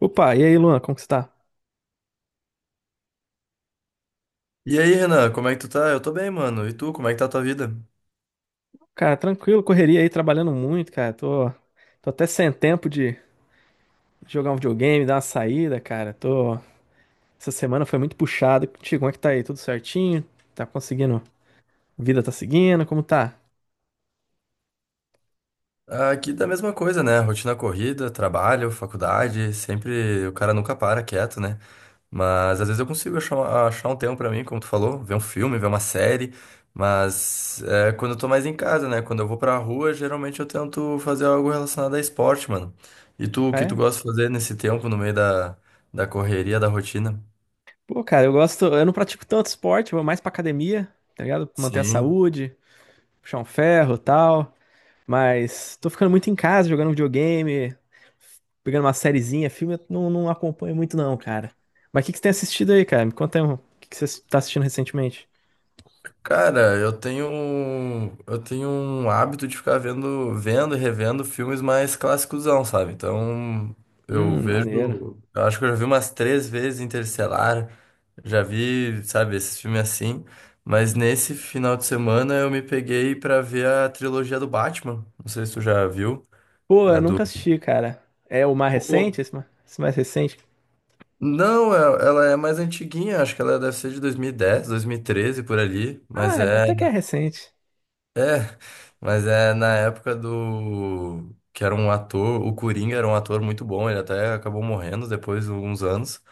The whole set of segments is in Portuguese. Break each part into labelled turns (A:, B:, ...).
A: Opa, e aí, Luan, como que você tá?
B: E aí, Renan, como é que tu tá? Eu tô bem, mano. E tu, como é que tá a tua vida?
A: Cara, tranquilo, correria aí, trabalhando muito, cara. Tô até sem tempo de jogar um videogame, dar uma saída, cara. Essa semana foi muito puxado. Contigo, como é que tá aí? Tudo certinho? Tá conseguindo? Vida tá seguindo? Como tá?
B: Aqui da mesma coisa, né? Rotina corrida, trabalho, faculdade, sempre o cara nunca para quieto, né? Mas às vezes eu consigo achar um tempo pra mim, como tu falou, ver um filme, ver uma série. Mas é, quando eu tô mais em casa, né? Quando eu vou pra rua, geralmente eu tento fazer algo relacionado a esporte, mano. E tu, o
A: Ah,
B: que tu
A: é?
B: gosta de fazer nesse tempo, no meio da correria, da rotina?
A: Pô, cara, eu não pratico tanto esporte, eu vou mais pra academia, tá ligado? Manter a
B: Sim.
A: saúde, puxar um ferro e tal. Mas tô ficando muito em casa, jogando videogame, pegando uma sériezinha, filme, eu não, não acompanho muito não, cara. Mas o que que você tem assistido aí, cara? Me conta aí, o que que você tá assistindo recentemente?
B: Cara, eu tenho um hábito de ficar vendo, vendo e revendo filmes mais clássicosão, sabe? Então, eu
A: Maneiro.
B: vejo, eu acho que eu já vi umas 3 vezes Interestelar, já vi, sabe, esses filmes assim, mas nesse final de semana eu me peguei pra ver a trilogia do Batman. Não sei se tu já viu,
A: Pô,
B: a
A: eu
B: do.
A: nunca assisti, cara. É o mais
B: Pô,
A: recente? Esse mais recente?
B: não, ela é mais antiguinha, acho que ela deve ser de 2010, 2013 por ali,
A: Ah,
B: mas é.
A: até que é recente.
B: Mas é na época do. Que era um ator, o Coringa era um ator muito bom, ele até acabou morrendo depois de uns anos.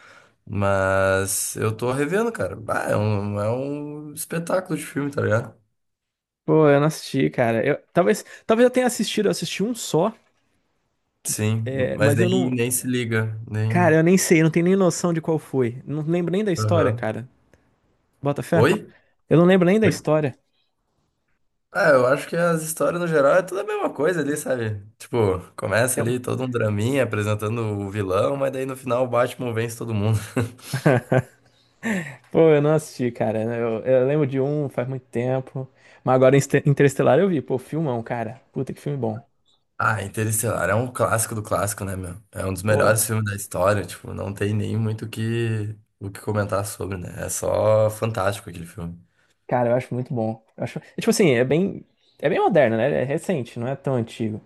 B: Mas eu tô revendo, cara. Bah, é um espetáculo de filme, tá ligado?
A: Pô, eu não assisti, cara. Eu, talvez eu tenha assistido, eu assisti um só, que,
B: Sim,
A: é,
B: mas
A: mas eu
B: nem,
A: não.
B: nem se liga,
A: Cara,
B: nem.
A: eu nem sei, eu não tenho nem noção de qual foi. Não lembro nem da história,
B: Aham.
A: cara. Bota fé?
B: Oi?
A: Eu não lembro nem da
B: Oi?
A: história.
B: Ah, eu acho que as histórias no geral é tudo a mesma coisa ali, sabe? Tipo, começa ali todo um draminha apresentando o vilão, mas daí no final o Batman vence todo mundo.
A: Pô, eu não assisti, cara. Eu lembro de um faz muito tempo. Mas agora Interestelar eu vi. Pô, filmão, cara. Puta que filme bom.
B: Ah, Interestelar é um clássico do clássico, né, meu? É um dos
A: Pô,
B: melhores filmes da história, tipo, não tem nem muito o que comentar sobre, né? É só fantástico aquele filme.
A: cara, eu acho muito bom. Eu acho, é, tipo assim, é bem. É bem moderno, né? É recente, não é tão antigo.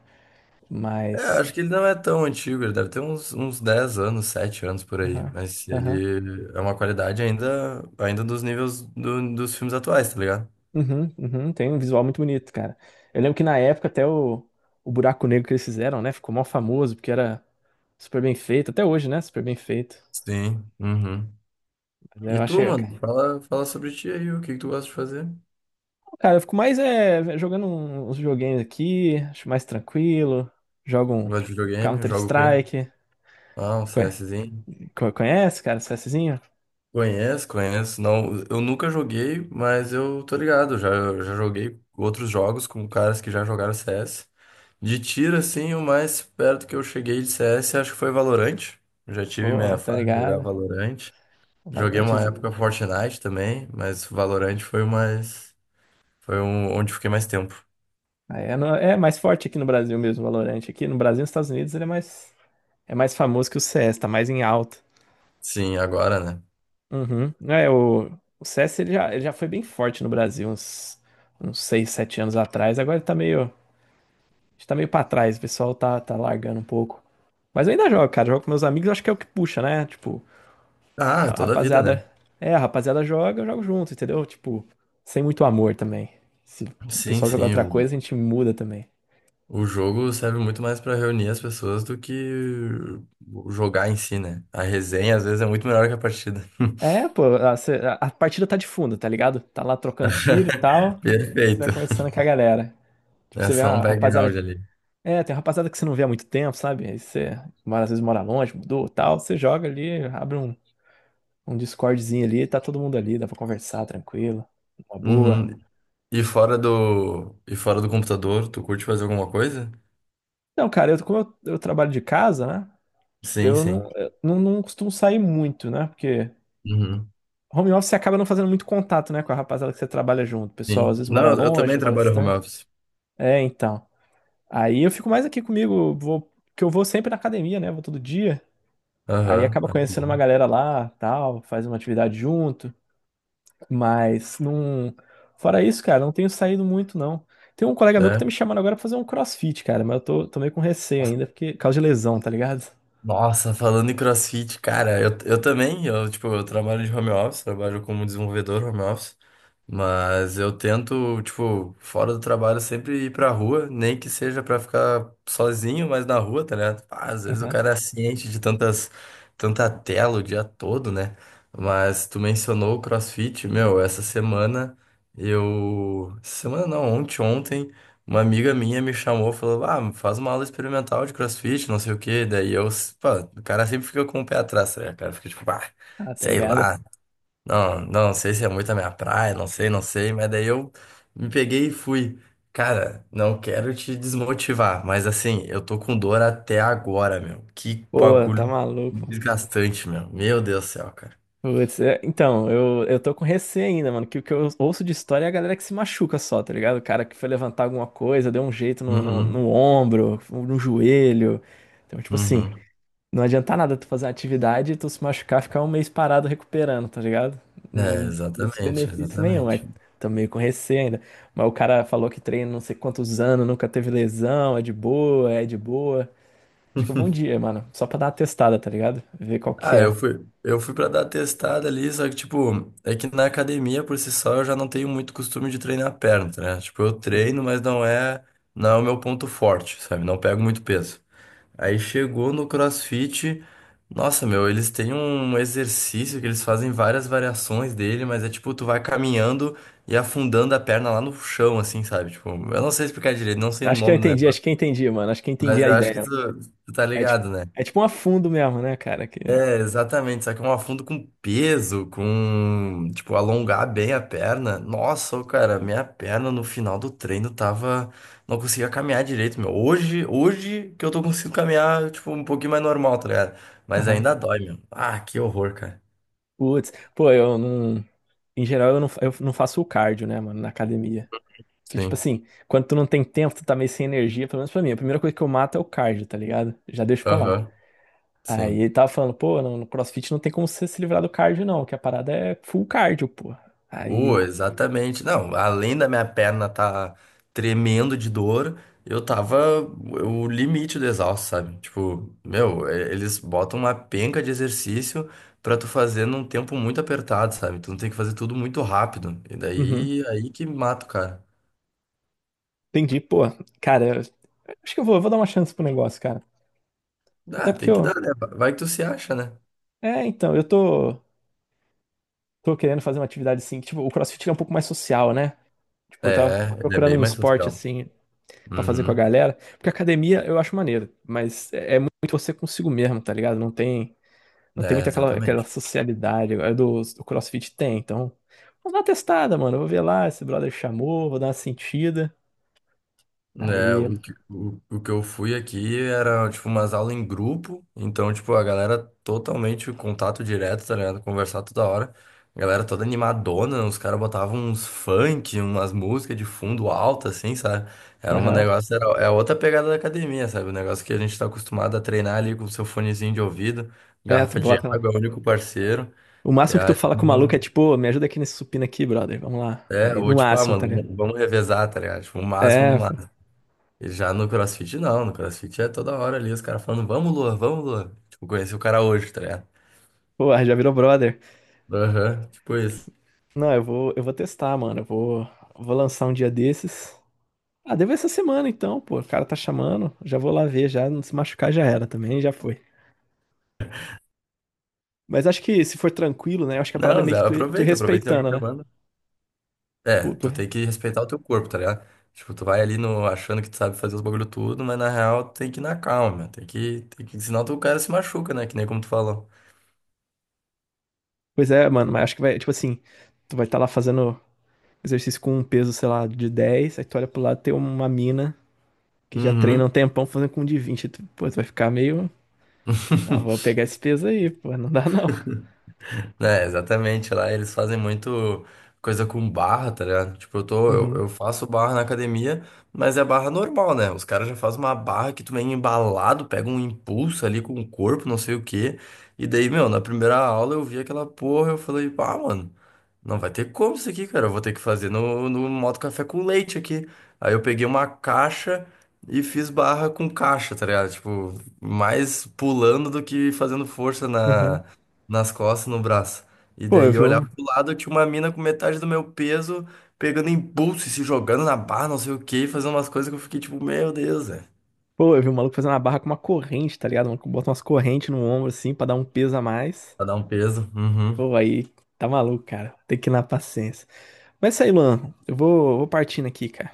B: É,
A: Mas.
B: acho que ele não é tão antigo, ele deve ter uns, uns 10 anos, 7 anos por aí,
A: Aham.
B: mas
A: Aham.
B: ele é uma qualidade ainda, ainda dos níveis do- dos filmes atuais, tá ligado?
A: Uhum, uhum. Tem um visual muito bonito, cara. Eu lembro que na época até o buraco negro que eles fizeram, né? Ficou mó famoso, porque era super bem feito. Até hoje, né? Super bem feito.
B: Sim, uhum.
A: Mas
B: E
A: eu
B: tu,
A: achei.
B: mano, fala, fala sobre ti aí, o que que tu gosta de fazer?
A: Cara, eu fico mais é jogando uns joguinhos aqui, acho mais tranquilo. Jogo um
B: Gosta de
A: um
B: videogame? Joga o quê?
A: Counter-Strike.
B: Ah, um
A: Conhe-
B: CSzinho?
A: Conhece, cara, CSzinho?
B: Conheço, conheço. Não, eu nunca joguei, mas eu tô ligado. Já, eu já joguei outros jogos com caras que já jogaram CS. De tiro, assim, o mais perto que eu cheguei de CS, acho que foi Valorant. Já tive minha
A: Pô, tá
B: fase de jogar
A: ligado?
B: Valorant.
A: Um
B: Joguei uma
A: Valorantezinho.
B: época Fortnite também, mas Valorant foi o mais. Foi um, onde fiquei mais tempo.
A: Aí é, é mais forte aqui no Brasil mesmo, Valorante. Aqui no Brasil e nos Estados Unidos ele é mais famoso que o CS, tá mais em alta.
B: Sim, agora, né?
A: Uhum. É, o CS ele já foi bem forte no Brasil, uns 6 7 anos atrás. Agora ele tá meio. A gente tá meio pra trás, o pessoal tá largando um pouco. Mas eu ainda jogo, cara. Jogo com meus amigos, acho que é o que puxa, né? Tipo,
B: Ah,
A: a
B: toda a vida, né?
A: rapaziada. É, a rapaziada joga, eu jogo junto, entendeu? Tipo, sem muito amor também. Se o
B: Sim,
A: pessoal jogar outra
B: sim.
A: coisa, a gente muda também.
B: O jogo serve muito mais pra reunir as pessoas do que jogar em si, né? A resenha às vezes é muito melhor que a partida.
A: É, pô, a partida tá de fundo, tá ligado? Tá lá trocando tiro e tal. Você vai
B: Perfeito.
A: conversando com a galera. Tipo,
B: É
A: você vê
B: só um
A: uma rapaziada.
B: background ali.
A: É, tem uma rapaziada que você não vê há muito tempo, sabe? Às vezes mora longe, mudou e tal. Você joga ali, abre um Discordzinho ali, tá todo mundo ali, dá pra conversar tranquilo, uma boa.
B: Uhum. E fora do computador, tu curte fazer alguma coisa?
A: Então, cara, eu trabalho de casa, né?
B: Sim, sim.
A: Eu não, não costumo sair muito, né? Porque
B: Uhum.
A: home office você acaba não fazendo muito contato, né, com a rapaziada que você trabalha junto. O pessoal às
B: Sim.
A: vezes
B: Não,
A: mora
B: eu também
A: longe, mora
B: trabalho home
A: distante.
B: office.
A: É, então. Aí eu fico mais aqui comigo, que eu vou sempre na academia, né? Vou todo dia. Aí
B: Aham,
A: acaba
B: ah, que
A: conhecendo uma
B: bom.
A: galera lá, tal, faz uma atividade junto. Mas não. Fora isso, cara, não tenho saído muito, não. Tem um colega meu que
B: É.
A: tá me chamando agora pra fazer um CrossFit, cara, mas tô meio com receio ainda, porque por causa de lesão, tá ligado?
B: Nossa, falando em CrossFit, cara, eu, tipo, eu trabalho de home office, trabalho como desenvolvedor home office. Mas eu tento, tipo, fora do trabalho, sempre ir pra rua, nem que seja pra ficar sozinho, mas na rua, tá ligado? Ah, às vezes o
A: Aham.
B: cara é ciente de tanta tela o dia todo, né? Mas tu mencionou o CrossFit, meu, essa semana eu. Essa semana não, ontem, uma amiga minha me chamou, falou, ah, faz uma aula experimental de CrossFit, não sei o quê. Daí eu, pô, o cara sempre fica com o pé atrás, né? O cara fica tipo, ah,
A: Ah, tá
B: sei
A: ligado?
B: lá. Não, não sei se é muito a minha praia, não sei, não sei, mas daí eu me peguei e fui. Cara, não quero te desmotivar, mas assim, eu tô com dor até agora, meu. Que
A: Pô, tá
B: bagulho
A: maluco.
B: desgastante, meu. Meu Deus do céu, cara.
A: Putz, é, então, eu tô com receio ainda, mano. Que o que eu ouço de história é a galera que se machuca só, tá ligado? O cara que foi levantar alguma coisa, deu um jeito
B: Uhum,
A: no ombro, no joelho. Então, tipo assim.
B: uhum.
A: Não adianta nada tu fazer uma atividade e tu se machucar, ficar um mês parado recuperando, tá ligado?
B: É,
A: Não trouxe
B: exatamente,
A: benefício nenhum. Aí
B: exatamente.
A: tô meio com receio ainda. Mas o cara falou que treina não sei quantos anos, nunca teve lesão, é de boa, é de boa. Acho que eu vou um dia, mano, só pra dar uma testada, tá ligado? Ver qual que
B: Ah, eu
A: é.
B: fui, eu fui pra dar testada ali, só que, tipo, é que na academia por si só eu já não tenho muito costume de treinar a perna, né? Tipo, eu treino,
A: Uhum.
B: mas não é o meu ponto forte, sabe? Não pego muito peso. Aí chegou no CrossFit. Nossa, meu, eles têm um exercício que eles fazem várias variações dele, mas é tipo, tu vai caminhando e afundando a perna lá no chão, assim, sabe? Tipo, eu não sei explicar direito, não sei o
A: Acho que eu
B: nome do
A: entendi, acho
B: negócio,
A: que eu entendi, mano. Acho que eu entendi
B: mas
A: a
B: eu acho que tu,
A: ideia.
B: tu tá
A: É tipo,
B: ligado, né?
A: é tipo um afundo mesmo, né, cara? Que.
B: É, exatamente, só que é um afundo com peso, com, tipo, alongar bem a perna. Nossa, ô, cara, minha perna no final do treino tava, não conseguia caminhar direito, meu. Hoje que eu tô conseguindo caminhar, tipo, um pouquinho mais normal, tá ligado? Mas
A: Aham.
B: ainda dói, meu. Ah, que horror, cara.
A: Putz, pô, eu não. Em geral, eu não faço o cardio, né, mano, na academia. Que, tipo
B: Sim.
A: assim, quando tu não tem tempo, tu tá meio sem energia, pelo menos pra mim. A primeira coisa que eu mato é o cardio, tá ligado? Já deixo pra lá.
B: Aham.
A: Aí
B: Sim.
A: ele tava falando, pô, no CrossFit não tem como você se livrar do cardio, não, que a parada é full cardio, pô.
B: Oh,
A: Aí.
B: exatamente. Não, além da minha perna tá tremendo de dor, eu tava o limite do exausto, sabe? Tipo, meu, eles botam uma penca de exercício pra tu fazer num tempo muito apertado, sabe? Tu tem que fazer tudo muito rápido. E
A: Uhum.
B: daí, aí que mata o cara.
A: Entendi, pô. Cara, eu acho que eu vou dar uma chance pro negócio, cara. Até
B: Ah,
A: porque
B: tem que
A: eu.
B: dar, né? Vai que tu se acha, né?
A: É, então, tô querendo fazer uma atividade assim, que, tipo, o CrossFit é um pouco mais social, né? Tipo, eu tava
B: É, ele é
A: procurando
B: bem
A: um
B: mais
A: esporte
B: social.
A: assim pra fazer com a
B: Uhum.
A: galera. Porque academia eu acho maneiro, mas é muito você consigo mesmo, tá ligado? Não tem. Não tem
B: É,
A: muito aquela
B: exatamente.
A: socialidade. Agora do CrossFit tem, então. Vamos dar uma testada, mano. Eu vou ver lá, esse brother chamou, vou dar uma sentida.
B: É,
A: Aí,
B: o que eu fui aqui era, tipo, umas aulas em grupo, então, tipo, a galera totalmente em contato direto, tá ligado? Conversar toda hora. A galera toda animadona, os caras botavam uns funk, umas músicas de fundo alta, assim, sabe? Era um
A: aham.
B: negócio, era, é outra pegada da academia, sabe? O negócio que a gente tá acostumado a treinar ali com o seu fonezinho de ouvido,
A: É, tu
B: garrafa de
A: bota lá.
B: água, é o único parceiro.
A: O
B: E
A: máximo que tu
B: aí,
A: fala com o maluco é tipo: "Ô, me ajuda aqui nesse supino aqui, brother. Vamos lá."
B: é,
A: Aí,
B: ou
A: no
B: tipo, ah,
A: máximo, tá
B: mano,
A: ligado?
B: vamos revezar, tá ligado? Tipo, o máximo do.
A: É, pô.
B: Já no CrossFit, não. No CrossFit é toda hora ali os caras falando, vamos, Lua, vamos, Lua. Tipo, conheci o cara hoje, tá ligado?
A: Porra, já virou brother.
B: Aham, tipo isso.
A: Não, eu vou testar, mano. Eu vou lançar um dia desses. Ah, deve essa semana então, pô. O cara tá chamando. Já vou lá ver, já. Não se machucar já era também, já foi. Mas acho que se for tranquilo, né? Acho que a parada é
B: Não,
A: meio
B: Zé,
A: que tu ir
B: aproveita, aproveita que tem alguém
A: respeitando, né?
B: chamando. É,
A: Tipo, tu.
B: tu tem que respeitar o teu corpo, tá ligado? Tipo, tu vai ali no, achando que tu sabe fazer os bagulho tudo, mas na real tu tem que ir na calma, tem que, senão tu, o cara se machuca, né? Que nem como tu falou.
A: Pois é, mano, mas acho que vai, tipo assim, tu vai estar lá fazendo exercício com um peso, sei lá, de 10. Aí tu olha pro lado, tem uma mina que já treina um
B: Uhum.
A: tempão fazendo com um de 20. Tu, pô, tu vai ficar meio. Ah, vou pegar esse peso aí, pô, não dá não.
B: É, exatamente, lá eles fazem muito coisa com barra, tá ligado? Tipo, eu tô, eu,
A: Uhum.
B: eu faço barra na academia, mas é barra normal, né? Os caras já fazem uma barra que tu vem embalado, pega um impulso ali com o corpo, não sei o quê. E daí, meu, na primeira aula eu vi aquela porra, eu falei, pá, mano, não vai ter como isso aqui, cara. Eu vou ter que fazer no modo café com leite aqui. Aí eu peguei uma caixa e fiz barra com caixa, tá ligado? Tipo, mais pulando do que fazendo força
A: Uhum.
B: nas costas, no braço. E
A: Pô, eu
B: daí
A: vi
B: eu
A: um.
B: olhava pro lado, tinha uma mina com metade do meu peso, pegando impulso e se jogando na barra, não sei o quê, e fazendo umas coisas que eu fiquei tipo, meu Deus, velho.
A: Pô, eu vi um maluco fazendo uma barra com uma corrente, tá ligado? O maluco bota umas correntes no ombro, assim, pra dar um peso a mais.
B: Pra dar um peso. Uhum.
A: Pô, aí tá maluco, cara. Tem que ir na paciência. Mas é isso aí, Luan. Vou partindo aqui, cara.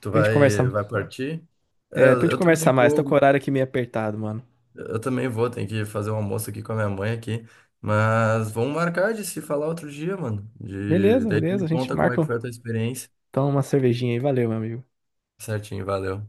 B: Tu
A: Depois a gente
B: vai,
A: conversa,
B: vai partir? É,
A: depois
B: eu,
A: a gente
B: eu também
A: conversar mais. Tô com o
B: vou.
A: horário aqui meio apertado, mano.
B: Eu também vou, tenho que fazer um almoço aqui com a minha mãe aqui. Mas vamos marcar de se falar outro dia, mano. De...
A: Beleza,
B: Daí tu
A: beleza. A
B: me
A: gente
B: conta como é
A: marca
B: que foi a tua experiência.
A: então uma cervejinha aí. Valeu, meu amigo.
B: Certinho, valeu.